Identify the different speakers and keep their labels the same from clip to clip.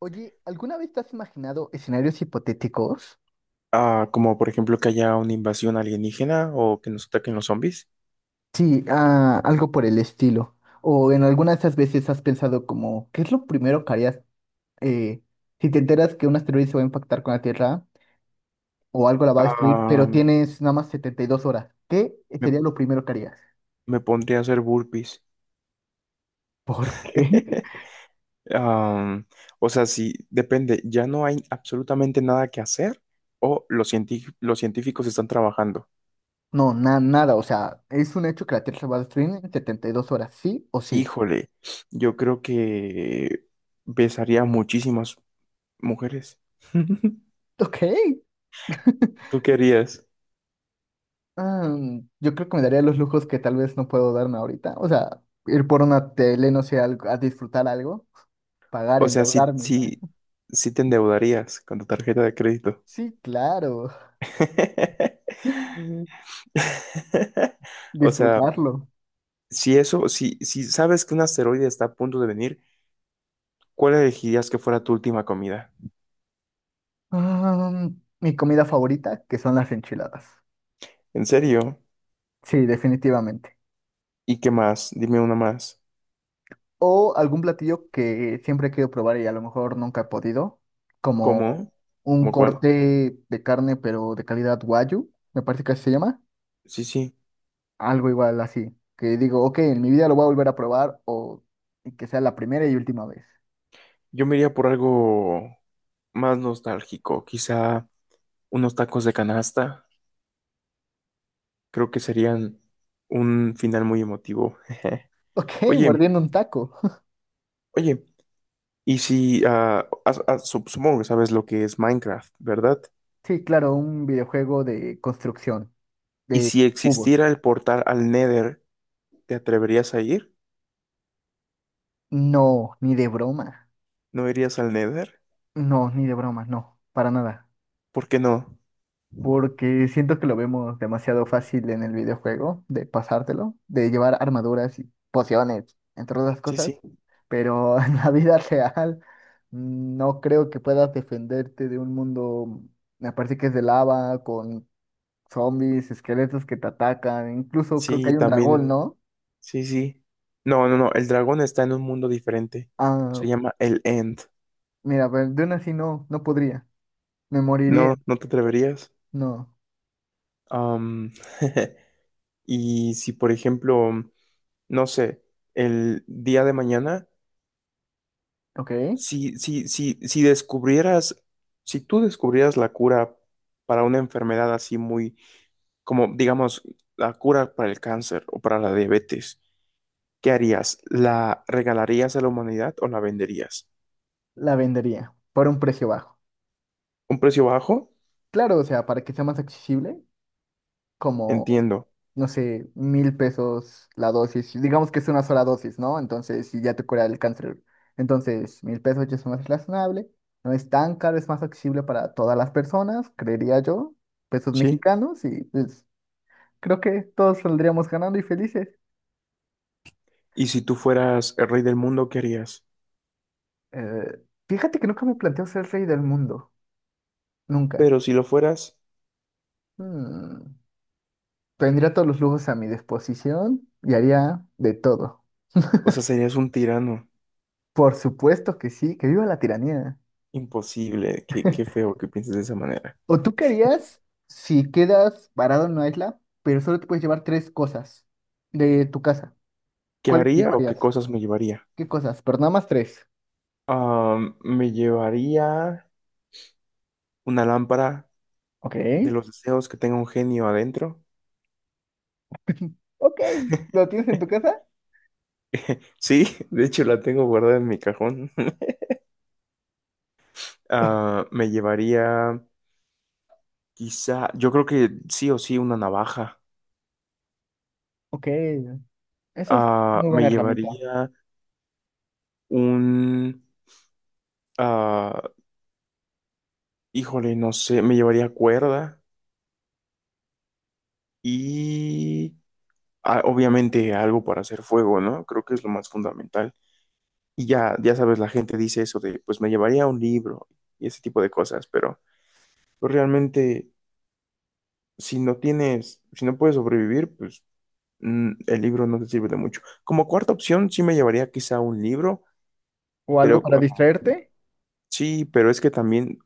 Speaker 1: Oye, ¿alguna vez te has imaginado escenarios hipotéticos?
Speaker 2: Ah, como por ejemplo que haya una invasión alienígena o que nos ataquen los zombies.
Speaker 1: Sí, algo por el estilo. O en alguna de esas veces has pensado como, ¿qué es lo primero que harías eh, si te enteras que un asteroide se va a impactar con la Tierra o algo la va a destruir,
Speaker 2: Ah,
Speaker 1: pero tienes nada más 72 horas? ¿Qué
Speaker 2: me,
Speaker 1: sería lo primero que harías?
Speaker 2: me pondría a hacer burpees.
Speaker 1: ¿Por qué?
Speaker 2: Am, o sea, sí, depende, ya no hay absolutamente nada que hacer o los científicos están trabajando.
Speaker 1: No, nada, o sea, es un hecho que la Tierra se va a destruir en 72 horas, ¿sí o sí?
Speaker 2: Híjole, yo creo que besaría a muchísimas mujeres.
Speaker 1: Ok.
Speaker 2: ¿Tú qué harías?
Speaker 1: Ah, yo creo que me daría los lujos que tal vez no puedo darme ahorita. O sea, ir por una tele, no sé, a disfrutar algo, pagar,
Speaker 2: O sea, sí,
Speaker 1: endeudarme.
Speaker 2: sí, sí te endeudarías con tu tarjeta de crédito.
Speaker 1: Sí, claro,
Speaker 2: O sea,
Speaker 1: disfrutarlo.
Speaker 2: si eso, si sabes que un asteroide está a punto de venir, ¿cuál elegirías que fuera tu última comida?
Speaker 1: Ah, Mi comida favorita, que son las enchiladas.
Speaker 2: ¿En serio?
Speaker 1: Sí, definitivamente.
Speaker 2: ¿Y qué más? Dime una más.
Speaker 1: O algún platillo que siempre he querido probar y a lo mejor nunca he podido, como
Speaker 2: ¿Cómo?
Speaker 1: un
Speaker 2: ¿Cómo cuál?
Speaker 1: corte de carne, pero de calidad wagyu, me parece que así se llama.
Speaker 2: Sí, sí.
Speaker 1: Algo igual así, que digo, ok, en mi vida lo voy a volver a probar o que sea la primera y última vez.
Speaker 2: Yo me iría por algo más nostálgico, quizá unos tacos de canasta. Creo que serían un final muy emotivo.
Speaker 1: Ok,
Speaker 2: Oye,
Speaker 1: mordiendo un taco.
Speaker 2: oye, y si, supongo que sabes lo que es Minecraft, ¿verdad?
Speaker 1: Sí, claro, un videojuego de construcción,
Speaker 2: Y
Speaker 1: de
Speaker 2: si
Speaker 1: cubos.
Speaker 2: existiera el portal al Nether, ¿te atreverías a ir?
Speaker 1: No, ni de broma.
Speaker 2: ¿No irías al Nether?
Speaker 1: No, ni de broma, no, para nada.
Speaker 2: ¿Por qué no?
Speaker 1: Porque siento que lo vemos demasiado fácil en el videojuego, de pasártelo, de llevar armaduras y pociones, entre otras
Speaker 2: Sí,
Speaker 1: cosas.
Speaker 2: sí,
Speaker 1: Pero en la vida real no creo que puedas defenderte de un mundo, me parece que es de lava, con zombies, esqueletos que te atacan, incluso creo que
Speaker 2: sí,
Speaker 1: hay un dragón,
Speaker 2: también,
Speaker 1: ¿no?
Speaker 2: sí, sí. No, no, no, el dragón está en un mundo diferente.
Speaker 1: Ah,
Speaker 2: Se llama el End.
Speaker 1: Mira, pero de una así no, no podría, me moriría,
Speaker 2: No, no te atreverías.
Speaker 1: no,
Speaker 2: Am, y si, por ejemplo, no sé, el día de mañana,
Speaker 1: ok,
Speaker 2: si, si, si, si descubrieras, si tú descubrieras la cura para una enfermedad así muy, como digamos, la cura para el cáncer o para la diabetes, ¿qué harías? ¿La regalarías a la humanidad o la venderías?
Speaker 1: la vendería por un precio bajo.
Speaker 2: ¿Un precio bajo?
Speaker 1: Claro, o sea, para que sea más accesible, como,
Speaker 2: Entiendo,
Speaker 1: no sé, 1,000 pesos la dosis. Digamos que es una sola dosis, ¿no? Entonces, si ya te cura el cáncer. Entonces, 1,000 pesos ya es más razonable. No es tan caro, es más accesible para todas las personas, creería yo. Pesos
Speaker 2: ¿sí?
Speaker 1: mexicanos y pues creo que todos saldríamos ganando y felices.
Speaker 2: Y si tú fueras el rey del mundo, ¿qué harías?
Speaker 1: Eh, Fíjate que nunca me planteo ser rey del mundo. Nunca.
Speaker 2: Pero si lo fueras,
Speaker 1: Mm, Tendría todos los lujos a mi disposición y haría de todo.
Speaker 2: o sea, serías un tirano.
Speaker 1: Por supuesto que sí, que viva la tiranía.
Speaker 2: Imposible, qué, qué feo que pienses de esa manera.
Speaker 1: ¿O tú querías, si quedas varado en una isla, pero solo te puedes llevar tres cosas de tu casa?
Speaker 2: ¿Qué
Speaker 1: ¿Cuáles te
Speaker 2: haría o qué
Speaker 1: llevarías?
Speaker 2: cosas me llevaría?
Speaker 1: ¿Qué cosas? Pero nada más tres.
Speaker 2: Ah, me llevaría una lámpara
Speaker 1: Ok.
Speaker 2: de los deseos que tenga un genio adentro.
Speaker 1: Ok. ¿Lo tienes en tu casa?
Speaker 2: Sí, de hecho la tengo guardada en mi cajón. Ah, me llevaría quizá, yo creo que sí o sí una navaja.
Speaker 1: Ok. Esa es
Speaker 2: Ah,
Speaker 1: muy buena
Speaker 2: me
Speaker 1: herramienta.
Speaker 2: llevaría un, ah, híjole, no sé, me llevaría cuerda y obviamente algo para hacer fuego, ¿no? Creo que es lo más fundamental. Y ya sabes, la gente dice eso de, pues me llevaría un libro y ese tipo de cosas, pero pues realmente si no tienes, si no puedes sobrevivir, pues el libro no te sirve de mucho. Como cuarta opción, sí me llevaría quizá un libro.
Speaker 1: ¿O algo
Speaker 2: Pero
Speaker 1: para
Speaker 2: ah,
Speaker 1: distraerte?
Speaker 2: sí, pero es que también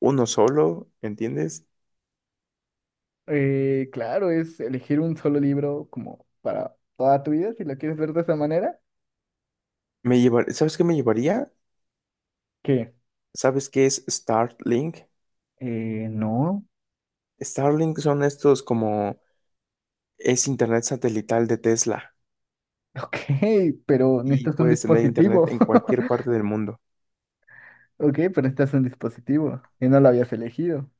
Speaker 2: uno solo, ¿entiendes?
Speaker 1: Claro, es elegir un solo libro como para toda tu vida, si lo quieres ver de esa manera.
Speaker 2: ¿Sabes qué me llevaría?
Speaker 1: ¿Qué?
Speaker 2: ¿Sabes qué es Starlink?
Speaker 1: No.
Speaker 2: Starlink son estos como es internet satelital de Tesla
Speaker 1: Ok, pero
Speaker 2: y
Speaker 1: necesitas un
Speaker 2: puedes tener internet
Speaker 1: dispositivo.
Speaker 2: en cualquier parte del mundo.
Speaker 1: Ok, pero este es un dispositivo y no lo habías elegido.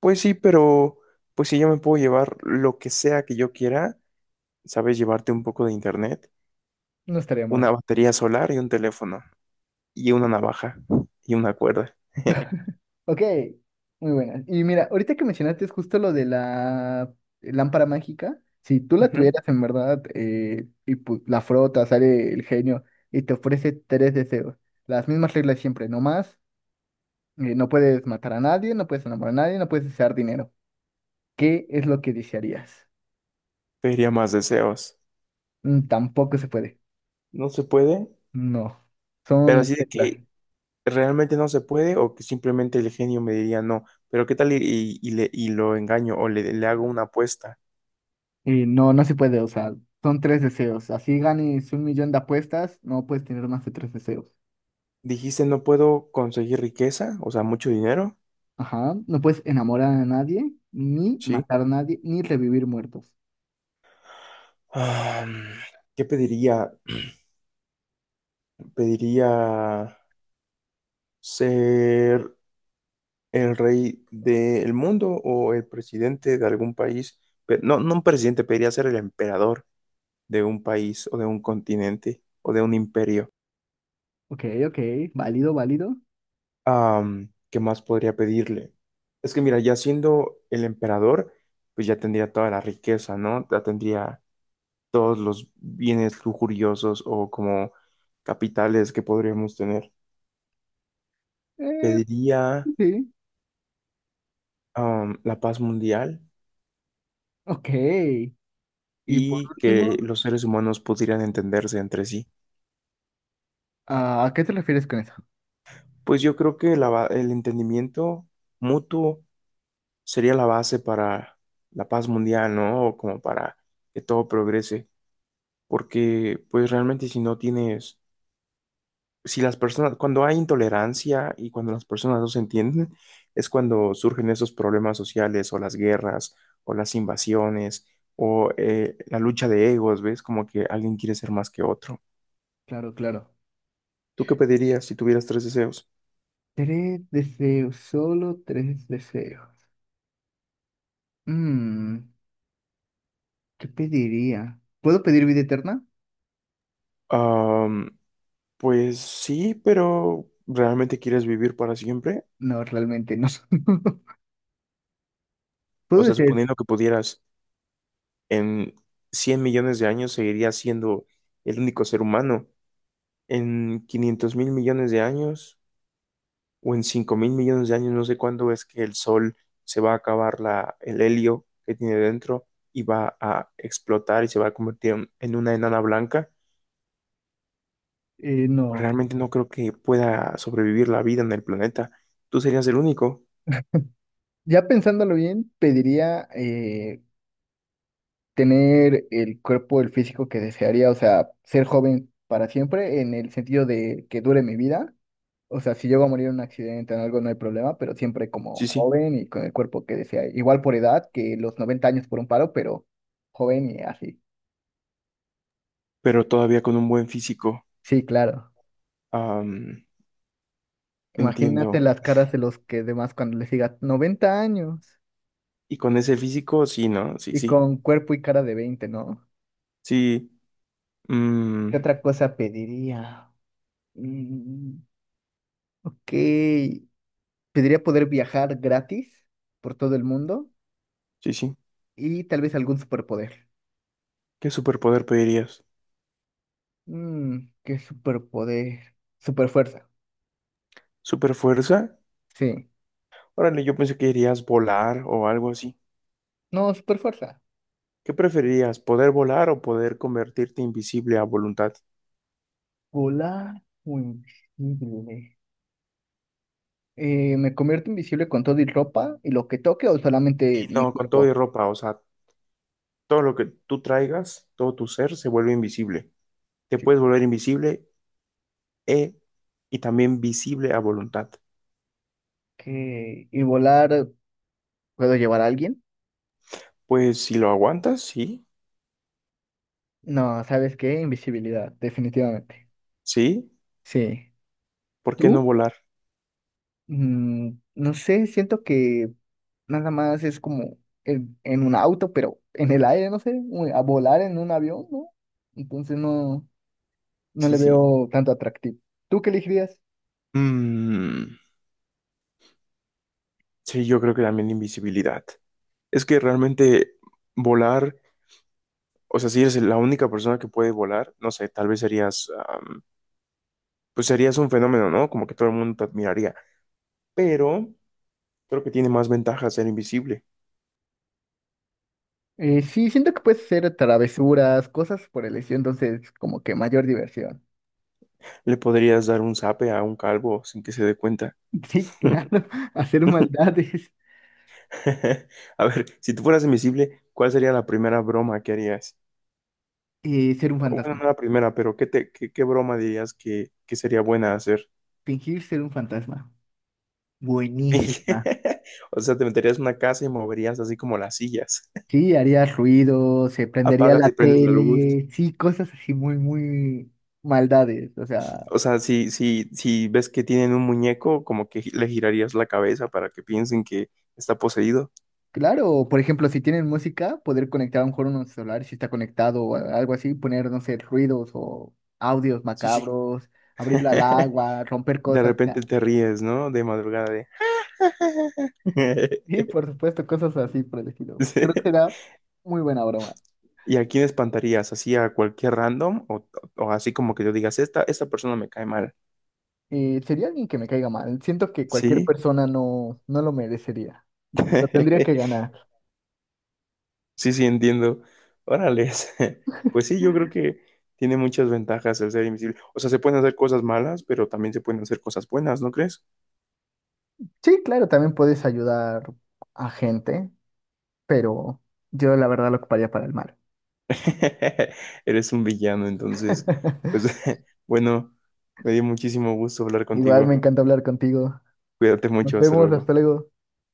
Speaker 2: Pues sí, pero pues si yo me puedo llevar lo que sea que yo quiera, ¿sabes? Llevarte un poco de internet,
Speaker 1: No estaría
Speaker 2: una
Speaker 1: mal.
Speaker 2: batería solar y un teléfono y una navaja y una cuerda.
Speaker 1: Ok, muy buena. Y mira, ahorita que mencionaste es justo lo de la lámpara mágica. Si tú la
Speaker 2: Ujú.
Speaker 1: tuvieras en verdad y la frotas, sale el genio y te ofrece tres deseos. Las mismas reglas siempre, no más. No puedes matar a nadie, no puedes enamorar a nadie, no puedes desear dinero. ¿Qué es lo que desearías?
Speaker 2: Pediría más deseos.
Speaker 1: Mm, tampoco se puede.
Speaker 2: ¿No se puede?
Speaker 1: No,
Speaker 2: Pero
Speaker 1: son
Speaker 2: así de
Speaker 1: reglas.
Speaker 2: que realmente no se puede o que simplemente el genio me diría no, pero ¿qué tal y, y lo engaño o le hago una apuesta?
Speaker 1: Y no, no se puede, o sea, son tres deseos. Así ganes 1 millón de apuestas, no puedes tener más de tres deseos.
Speaker 2: Dijiste no puedo conseguir riqueza, o sea, mucho dinero,
Speaker 1: Ajá, no puedes enamorar a nadie, ni
Speaker 2: ¿sí?
Speaker 1: matar a nadie, ni revivir muertos.
Speaker 2: Ah, ¿qué pediría? ¿Pediría ser el rey del mundo o el presidente de algún país? No, no un presidente, pediría ser el emperador de un país o de un continente o de un imperio.
Speaker 1: Ok, ok, válido, válido.
Speaker 2: ¿Qué más podría pedirle? Es que mira, ya siendo el emperador, pues ya tendría toda la riqueza, ¿no? Ya tendría todos los bienes lujuriosos o como capitales que podríamos tener.
Speaker 1: Eh,
Speaker 2: Pediría,
Speaker 1: sí,
Speaker 2: la paz mundial
Speaker 1: ok. Y por
Speaker 2: y que
Speaker 1: último,
Speaker 2: los seres humanos pudieran entenderse entre sí.
Speaker 1: ¿a qué te refieres con eso?
Speaker 2: Pues yo creo que el entendimiento mutuo sería la base para la paz mundial, ¿no? O como para que todo progrese. Porque pues realmente si no tienes, si las personas, cuando hay intolerancia y cuando las personas no se entienden, es cuando surgen esos problemas sociales o las guerras o las invasiones o la lucha de egos, ¿ves? Como que alguien quiere ser más que otro.
Speaker 1: Claro, claro.
Speaker 2: ¿Tú qué pedirías si tuvieras tres deseos?
Speaker 1: Tres deseos, solo tres deseos. Mm, ¿Qué pediría? ¿Puedo pedir vida eterna?
Speaker 2: Am, pues sí, pero ¿realmente quieres vivir para siempre?
Speaker 1: No, realmente no.
Speaker 2: O
Speaker 1: ¿Puedo
Speaker 2: sea,
Speaker 1: decir,
Speaker 2: suponiendo que pudieras en 100 millones de años, seguirías siendo el único ser humano. En 500 mil millones de años o en 5 mil millones de años, no sé cuándo es que el Sol se va a acabar la, el helio que tiene dentro y va a explotar y se va a convertir en una enana blanca. Pues
Speaker 1: no.
Speaker 2: realmente no creo que pueda sobrevivir la vida en el planeta. Tú serías el único,
Speaker 1: Ya pensándolo bien, pediría tener el cuerpo, el físico que desearía, o sea, ser joven para siempre, en el sentido de que dure mi vida. O sea, si llego a morir en un accidente o en algo, no hay problema, pero siempre como
Speaker 2: sí, sí,
Speaker 1: joven y con el cuerpo que desea. Igual por edad, que los 90 años por un paro, pero joven y así.
Speaker 2: pero todavía con un buen físico.
Speaker 1: Sí, claro.
Speaker 2: Am, Entiendo.
Speaker 1: Imagínate las caras de los que demás cuando les diga 90 años
Speaker 2: Y con ese físico, sí, no, sí,
Speaker 1: y
Speaker 2: sí,
Speaker 1: con cuerpo y cara de 20, ¿no?
Speaker 2: sí, mm,
Speaker 1: ¿Qué otra cosa pediría? Mm, ok. Pediría poder viajar gratis por todo el mundo
Speaker 2: sí, sí.
Speaker 1: y tal vez algún superpoder.
Speaker 2: ¿Qué superpoder pedirías?
Speaker 1: ¿Qué superpoder? Superfuerza.
Speaker 2: ¿Superfuerza?
Speaker 1: Sí.
Speaker 2: Órale, yo pensé que irías volar o algo así.
Speaker 1: No, superfuerza.
Speaker 2: ¿Qué preferirías, poder volar o poder convertirte invisible a voluntad?
Speaker 1: Volar o invisible. ¿Me convierto invisible con todo y ropa y lo que toque o solamente
Speaker 2: Y
Speaker 1: mi
Speaker 2: no, con todo y
Speaker 1: cuerpo?
Speaker 2: ropa, o sea, todo lo que tú traigas, todo tu ser se vuelve invisible. Te
Speaker 1: Sí.
Speaker 2: puedes volver invisible e, y también visible a voluntad.
Speaker 1: ¿Qué? ¿Y volar puedo llevar a alguien?
Speaker 2: Pues si lo aguantas, sí,
Speaker 1: No, ¿sabes qué? Invisibilidad, definitivamente.
Speaker 2: sí,
Speaker 1: Sí.
Speaker 2: ¿por qué no
Speaker 1: ¿Tú?
Speaker 2: volar?
Speaker 1: No sé, siento que nada más es como en un auto, pero en el aire, no sé, a volar en un avión, ¿no? Entonces no, no
Speaker 2: Sí,
Speaker 1: le
Speaker 2: sí.
Speaker 1: veo tanto atractivo. ¿Tú qué elegirías?
Speaker 2: Mm, sí, yo creo que también invisibilidad. Es que realmente volar, o sea, si eres la única persona que puede volar, no sé, tal vez serías pues serías un fenómeno, ¿no? Como que todo el mundo te admiraría. Pero creo que tiene más ventajas ser invisible.
Speaker 1: Sí, siento que puedes hacer travesuras, cosas por el estilo, entonces como que mayor diversión.
Speaker 2: Le podrías dar un zape a un calvo sin que se dé cuenta.
Speaker 1: Sí, claro, hacer maldades.
Speaker 2: A ver, si tú fueras invisible, ¿cuál sería la primera broma que harías?
Speaker 1: Ser un
Speaker 2: Bueno, no
Speaker 1: fantasma,
Speaker 2: la primera, pero ¿qué broma dirías que sería buena hacer?
Speaker 1: fingir ser un fantasma. Buenísima.
Speaker 2: O sea, te meterías en una casa y moverías así como las sillas.
Speaker 1: Sí, haría ruido, se prendería
Speaker 2: Apagas
Speaker 1: la
Speaker 2: y prendes la luz.
Speaker 1: tele, sí, cosas así muy, muy maldades, o sea,
Speaker 2: O sea, si, si ves que tienen un muñeco, como que le girarías la cabeza para que piensen que está poseído.
Speaker 1: claro, por ejemplo, si tienen música, poder conectar a un mejor un celular, si está conectado o algo así, poner, no sé, ruidos o audios
Speaker 2: Sí, sí.
Speaker 1: macabros, abrirlo al agua, romper
Speaker 2: De
Speaker 1: cosas. O
Speaker 2: repente
Speaker 1: sea,
Speaker 2: te ríes, ¿no? De madrugada de.
Speaker 1: sí, por supuesto, cosas así por el estilo.
Speaker 2: Sí.
Speaker 1: Creo que será muy buena broma.
Speaker 2: ¿Y a quién espantarías? ¿Así a cualquier random? ¿O así como que yo digas, esta persona me cae mal?
Speaker 1: Sería alguien que me caiga mal. Siento que cualquier
Speaker 2: Sí,
Speaker 1: persona no, no lo merecería. Lo tendría que ganar.
Speaker 2: sí, sí, entiendo. Órales. Pues sí, yo creo que tiene muchas ventajas el ser invisible. O sea, se pueden hacer cosas malas, pero también se pueden hacer cosas buenas, ¿no crees?
Speaker 1: Sí, claro, también puedes ayudar a gente, pero yo la verdad lo ocuparía para el mal.
Speaker 2: Eres un villano, entonces, pues bueno, me dio muchísimo gusto hablar
Speaker 1: Igual me
Speaker 2: contigo.
Speaker 1: encanta hablar contigo.
Speaker 2: Cuídate
Speaker 1: Nos
Speaker 2: mucho, hasta
Speaker 1: vemos,
Speaker 2: luego.
Speaker 1: hasta luego.